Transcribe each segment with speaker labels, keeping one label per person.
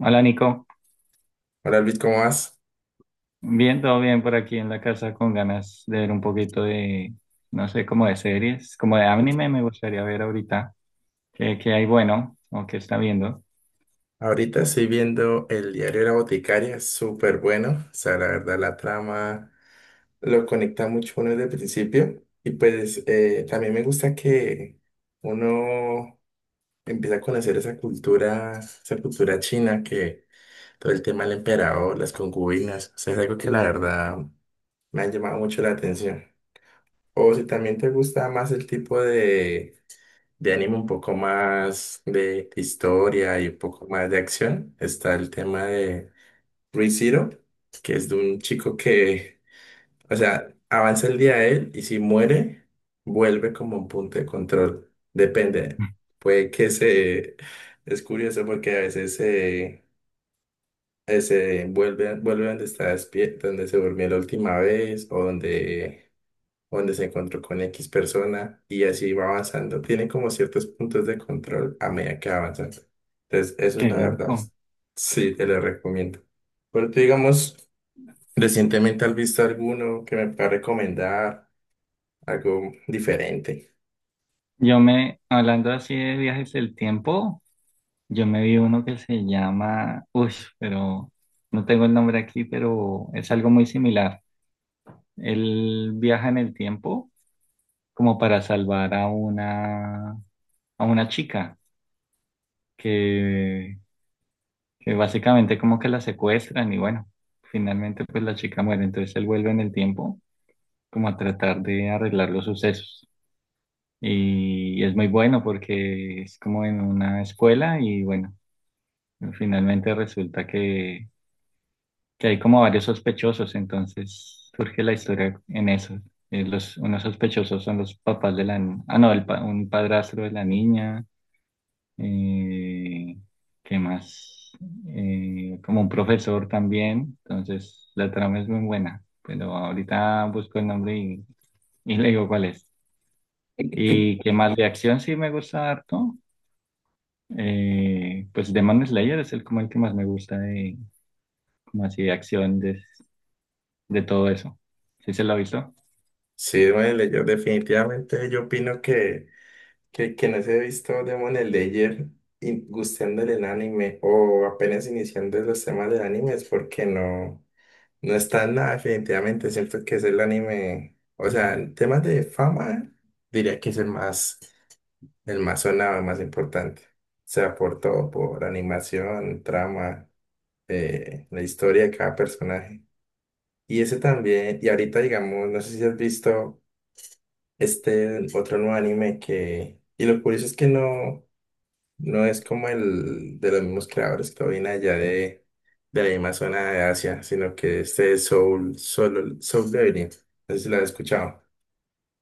Speaker 1: Hola Nico,
Speaker 2: Hola Luis, ¿cómo vas?
Speaker 1: bien, todo bien por aquí en la casa con ganas de ver un poquito de, no sé, como de series, como de anime me gustaría ver ahorita, qué hay bueno o qué está viendo.
Speaker 2: Ahorita estoy viendo el diario de la boticaria, es súper bueno. O sea, la verdad, la trama lo conecta mucho uno desde el principio. Y pues también me gusta que uno empieza a conocer esa cultura china, que todo el tema del emperador, las concubinas, o sea, es algo que la verdad me ha llamado mucho la atención. O si también te gusta más el tipo de anime un poco más de historia y un poco más de acción, está el tema de Re:Zero, que es de un chico que, o sea, avanza el día de él y si muere, vuelve como un punto de control. Depende. Puede que se... Es curioso porque a veces se vuelve donde está despierto, donde se durmió la última vez o donde se encontró con X persona y así va avanzando. Tiene como ciertos puntos de control a medida que va avanzando. Entonces, eso es
Speaker 1: Qué
Speaker 2: la verdad.
Speaker 1: loco.
Speaker 2: Sí, te lo recomiendo. Pero tú, digamos, recientemente has visto alguno que me pueda recomendar, algo diferente.
Speaker 1: Hablando así de viajes del tiempo, yo me vi uno que se llama, uy, pero no tengo el nombre aquí, pero es algo muy similar. Él viaja en el tiempo como para salvar a una chica que que básicamente como que la secuestran y bueno, finalmente pues la chica muere, entonces él vuelve en el tiempo como a tratar de arreglar los sucesos. Y es muy bueno porque es como en una escuela y bueno, finalmente resulta que hay como varios sospechosos, entonces surge la historia en eso. Unos sospechosos son los papás de la... Ah, no, un padrastro de la niña, eh, ¿qué más? Como un profesor también, entonces la trama es muy buena, pero ahorita busco el nombre y le digo cuál es. ¿Y qué más de acción sí me gusta harto? Pues Demon Slayer es el, como el que más me gusta de, como así de acción de todo eso. ¿Sí se lo ha visto?
Speaker 2: Sí, Demon Slayer, definitivamente yo opino que, quienes he visto Demon Slayer y gustando del anime o apenas iniciando los temas del anime es porque no. No está en nada, definitivamente. Siento que es el anime. O sea, en temas de fama, diría que es el más sonado, el más importante. O sea, por todo, por animación, trama, la historia de cada personaje. Y ese también, y ahorita, digamos, no sé si has visto este otro nuevo anime que. Y lo curioso es que no. No es como el de los mismos creadores que viene allá de, la misma zona de Asia, sino que este es Soul Leveling. No sé si lo has escuchado.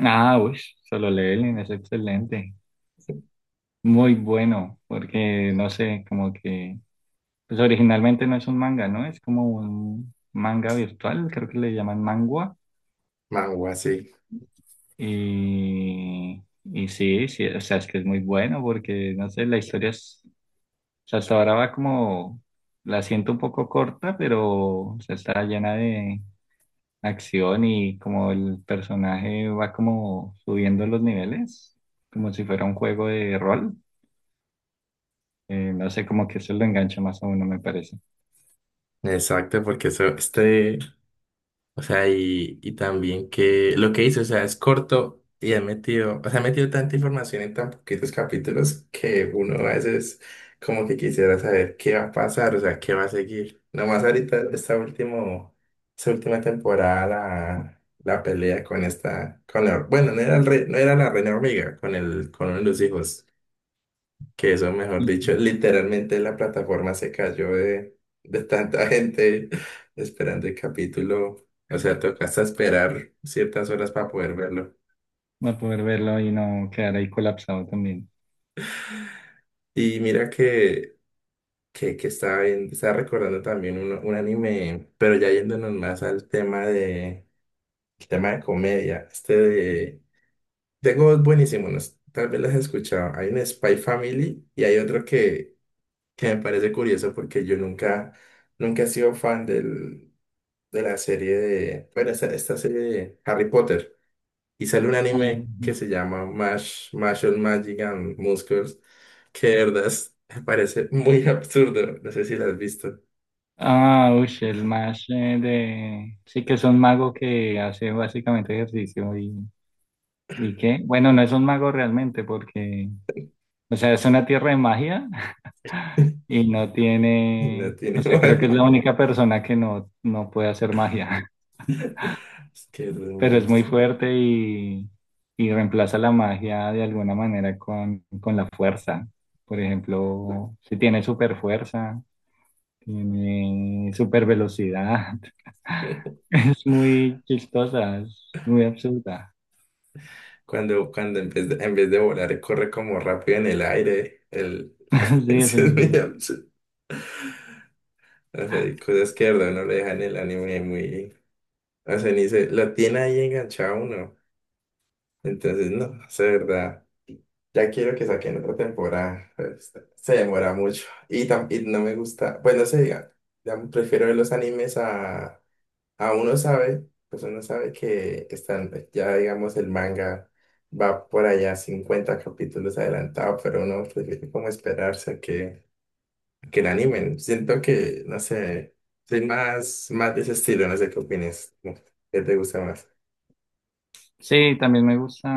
Speaker 1: Ah, uy, Solo Leveling es excelente. Muy bueno, porque no sé, como que pues originalmente no es un manga, ¿no? Es como un manga virtual, creo que le llaman mangua.
Speaker 2: Manhwa, sí.
Speaker 1: Y sí, sí, o sea, es que es muy bueno porque, no sé, la historia es, o sea, hasta ahora va como, la siento un poco corta, pero o sea, está llena de acción y como el personaje va como subiendo los niveles, como si fuera un juego de rol. No sé, como que eso lo engancha más a uno, me parece.
Speaker 2: Exacto, porque eso, este, o sea, y también que lo que hizo, o sea, es corto y ha metido, o sea, ha metido tanta información en tan poquitos capítulos que uno a veces como que quisiera saber qué va a pasar, o sea, qué va a seguir. Nomás ahorita esta última temporada, la pelea con esta, con la, bueno, no era la reina hormiga, con uno de los hijos. Que eso, mejor dicho,
Speaker 1: Y-
Speaker 2: literalmente la plataforma se cayó de, tanta gente esperando el capítulo. O sea, toca hasta esperar ciertas horas para poder verlo.
Speaker 1: Va a poder verlo y no quedar ahí colapsado también.
Speaker 2: Y mira que, que estaba recordando también un, anime, pero ya yéndonos más al tema de, el tema de comedia. Este de... Tengo dos buenísimos, no sé, tal vez las has escuchado. Hay un Spy Family y hay otro que, me parece curioso porque yo nunca, nunca he sido fan de la serie de, bueno, esta serie de Harry Potter. Y sale un anime
Speaker 1: Ujú.
Speaker 2: que se llama Mash, Marshall Magic and Muscles, que de verdad me parece muy absurdo. No sé si lo has visto.
Speaker 1: Ah, uy, el más de... Sí que es un mago que hace básicamente ejercicio y qué. Bueno, no es un mago realmente porque, o sea, es una tierra de magia y no
Speaker 2: No
Speaker 1: tiene...
Speaker 2: tiene
Speaker 1: O sea, creo que es la
Speaker 2: madre.
Speaker 1: única persona que no puede hacer magia,
Speaker 2: Es que es muy
Speaker 1: pero es muy
Speaker 2: absurdo.
Speaker 1: fuerte y reemplaza la magia de alguna manera con la fuerza. Por ejemplo, si tiene super fuerza, tiene super velocidad. Es muy chistosa, es muy absurda.
Speaker 2: Cuando en vez de volar, corre como rápido en el aire. El,
Speaker 1: Sí, eso
Speaker 2: eso
Speaker 1: es
Speaker 2: es
Speaker 1: muy
Speaker 2: muy
Speaker 1: bueno.
Speaker 2: absurdo. O sea, hay cosas que de verdad no le dejan el anime muy. O sea, ni se lo tiene ahí enganchado uno. Entonces, no, es verdad. Ya quiero que saquen otra temporada, pero se demora mucho. Y no me gusta. Pues no sé, ya prefiero ver los animes a uno sabe, pues uno sabe que están, ya digamos, el manga va por allá 50 capítulos adelantado, pero uno prefiere como esperarse a que, el anime. Siento que, no sé, soy más, más de ese estilo, no sé qué opinas, ¿no? ¿Qué te gusta más?
Speaker 1: Sí, también me gusta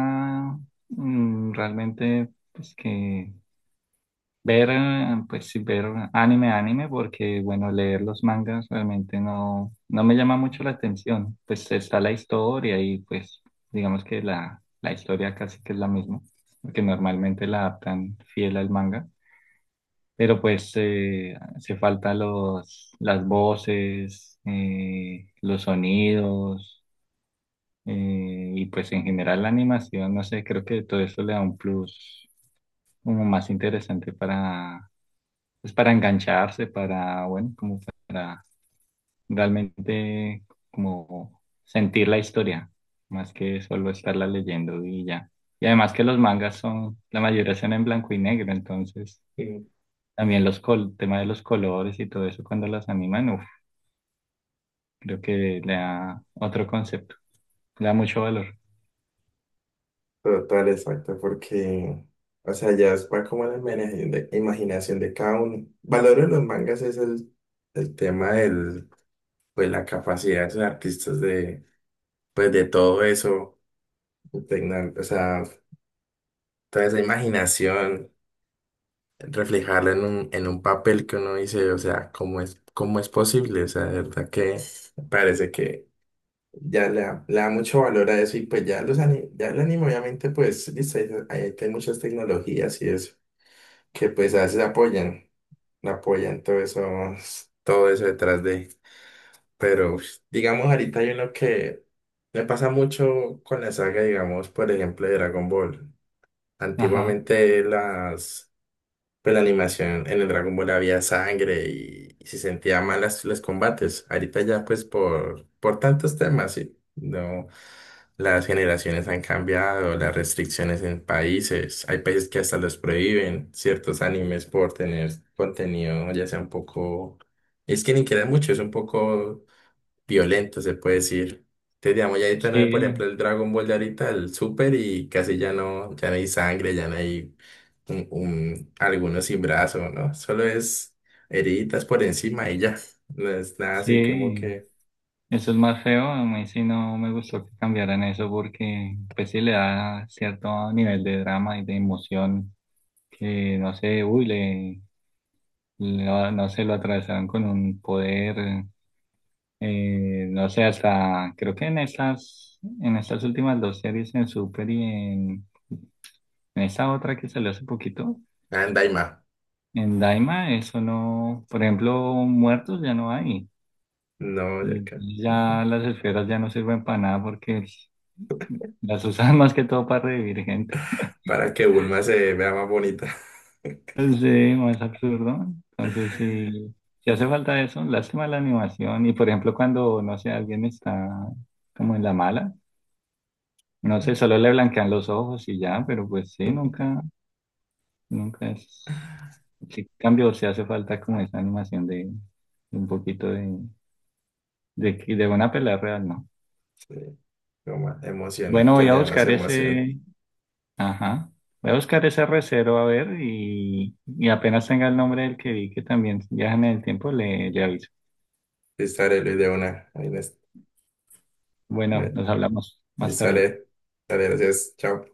Speaker 1: realmente pues que ver, pues sí, ver anime, porque bueno, leer los mangas realmente no me llama mucho la atención. Pues está la historia y pues digamos que la historia casi que es la misma, porque normalmente la adaptan fiel al manga. Pero pues hace falta los, las voces, los sonidos y pues en general la animación, no sé, creo que todo eso le da un plus como más interesante para, pues para engancharse, para, bueno, como para realmente como sentir la historia, más que solo estarla leyendo y ya. Y además que los mangas son, la mayoría son en blanco y negro, entonces también los col, el tema de los colores y todo eso cuando las animan, uf, creo que le da otro concepto, le da mucho valor.
Speaker 2: Total, exacto, porque, o sea, ya es va como la imaginación de cada uno. Valoro de los mangas es el tema del, pues la capacidad de los artistas de, pues de todo eso, impregnar, o sea, toda esa imaginación, reflejarla en un papel que uno dice, o sea, ¿cómo es posible? O sea, de verdad que parece que ya le da mucho valor a eso y pues ya ya el anime obviamente, pues, listo, ahí hay muchas tecnologías y eso, que pues a veces apoyan todo eso detrás de. Pero ush, digamos, ahorita hay uno que me pasa mucho con la saga, digamos, por ejemplo, de Dragon Ball.
Speaker 1: Ajá.
Speaker 2: Antiguamente las pero la animación en el Dragon Ball había sangre y se sentía mal los combates. Ahorita ya pues por tantos temas, sí. No, las generaciones han cambiado, las restricciones en países. Hay países que hasta los prohíben ciertos animes por tener contenido, ya sea un poco... Es que ni queda mucho, es un poco violento, se puede decir. Te digamos, ya ahorita no hay, por
Speaker 1: Sí,
Speaker 2: ejemplo, el Dragon Ball de ahorita, el Super, y casi ya no, ya no hay sangre, ya no hay algunos sin brazo, ¿no? Solo es heriditas por encima y ya. No es nada así como
Speaker 1: sí,
Speaker 2: que
Speaker 1: eso es más feo. A mí sí no me gustó que cambiaran eso porque pues sí le da cierto nivel de drama y de emoción que no sé, uy, le, lo- no sé, lo atravesaron con un poder, no sé, hasta creo que en estas últimas dos series en Super y en esa otra que salió hace poquito,
Speaker 2: anda y más.
Speaker 1: en Daima, eso no, por ejemplo, muertos ya no hay.
Speaker 2: No, ya que-
Speaker 1: Y ya las esferas ya no sirven para nada porque las usan más que todo para revivir gente.
Speaker 2: Para que Bulma se vea más bonita.
Speaker 1: Sí, más absurdo. Entonces, sí, si hace falta eso, lástima la animación. Y por ejemplo, cuando, no sé, alguien está como en la mala, no sé, solo le blanquean los ojos y ya, pero pues sí, nunca, nunca es... Sí, cambio, si hace falta como esa animación de un poquito de, que- de una pelea real, ¿no?
Speaker 2: Sí, como más emocional,
Speaker 1: Bueno,
Speaker 2: que
Speaker 1: voy a
Speaker 2: le dé más
Speaker 1: buscar
Speaker 2: emoción.
Speaker 1: ese... Ajá. Voy a buscar ese recero a ver y apenas tenga el nombre del que vi que también viaja en el tiempo, le aviso.
Speaker 2: Y sale Luis de una.
Speaker 1: Bueno,
Speaker 2: Me-
Speaker 1: nos hablamos
Speaker 2: Y
Speaker 1: más tarde.
Speaker 2: sale, gracias, chao.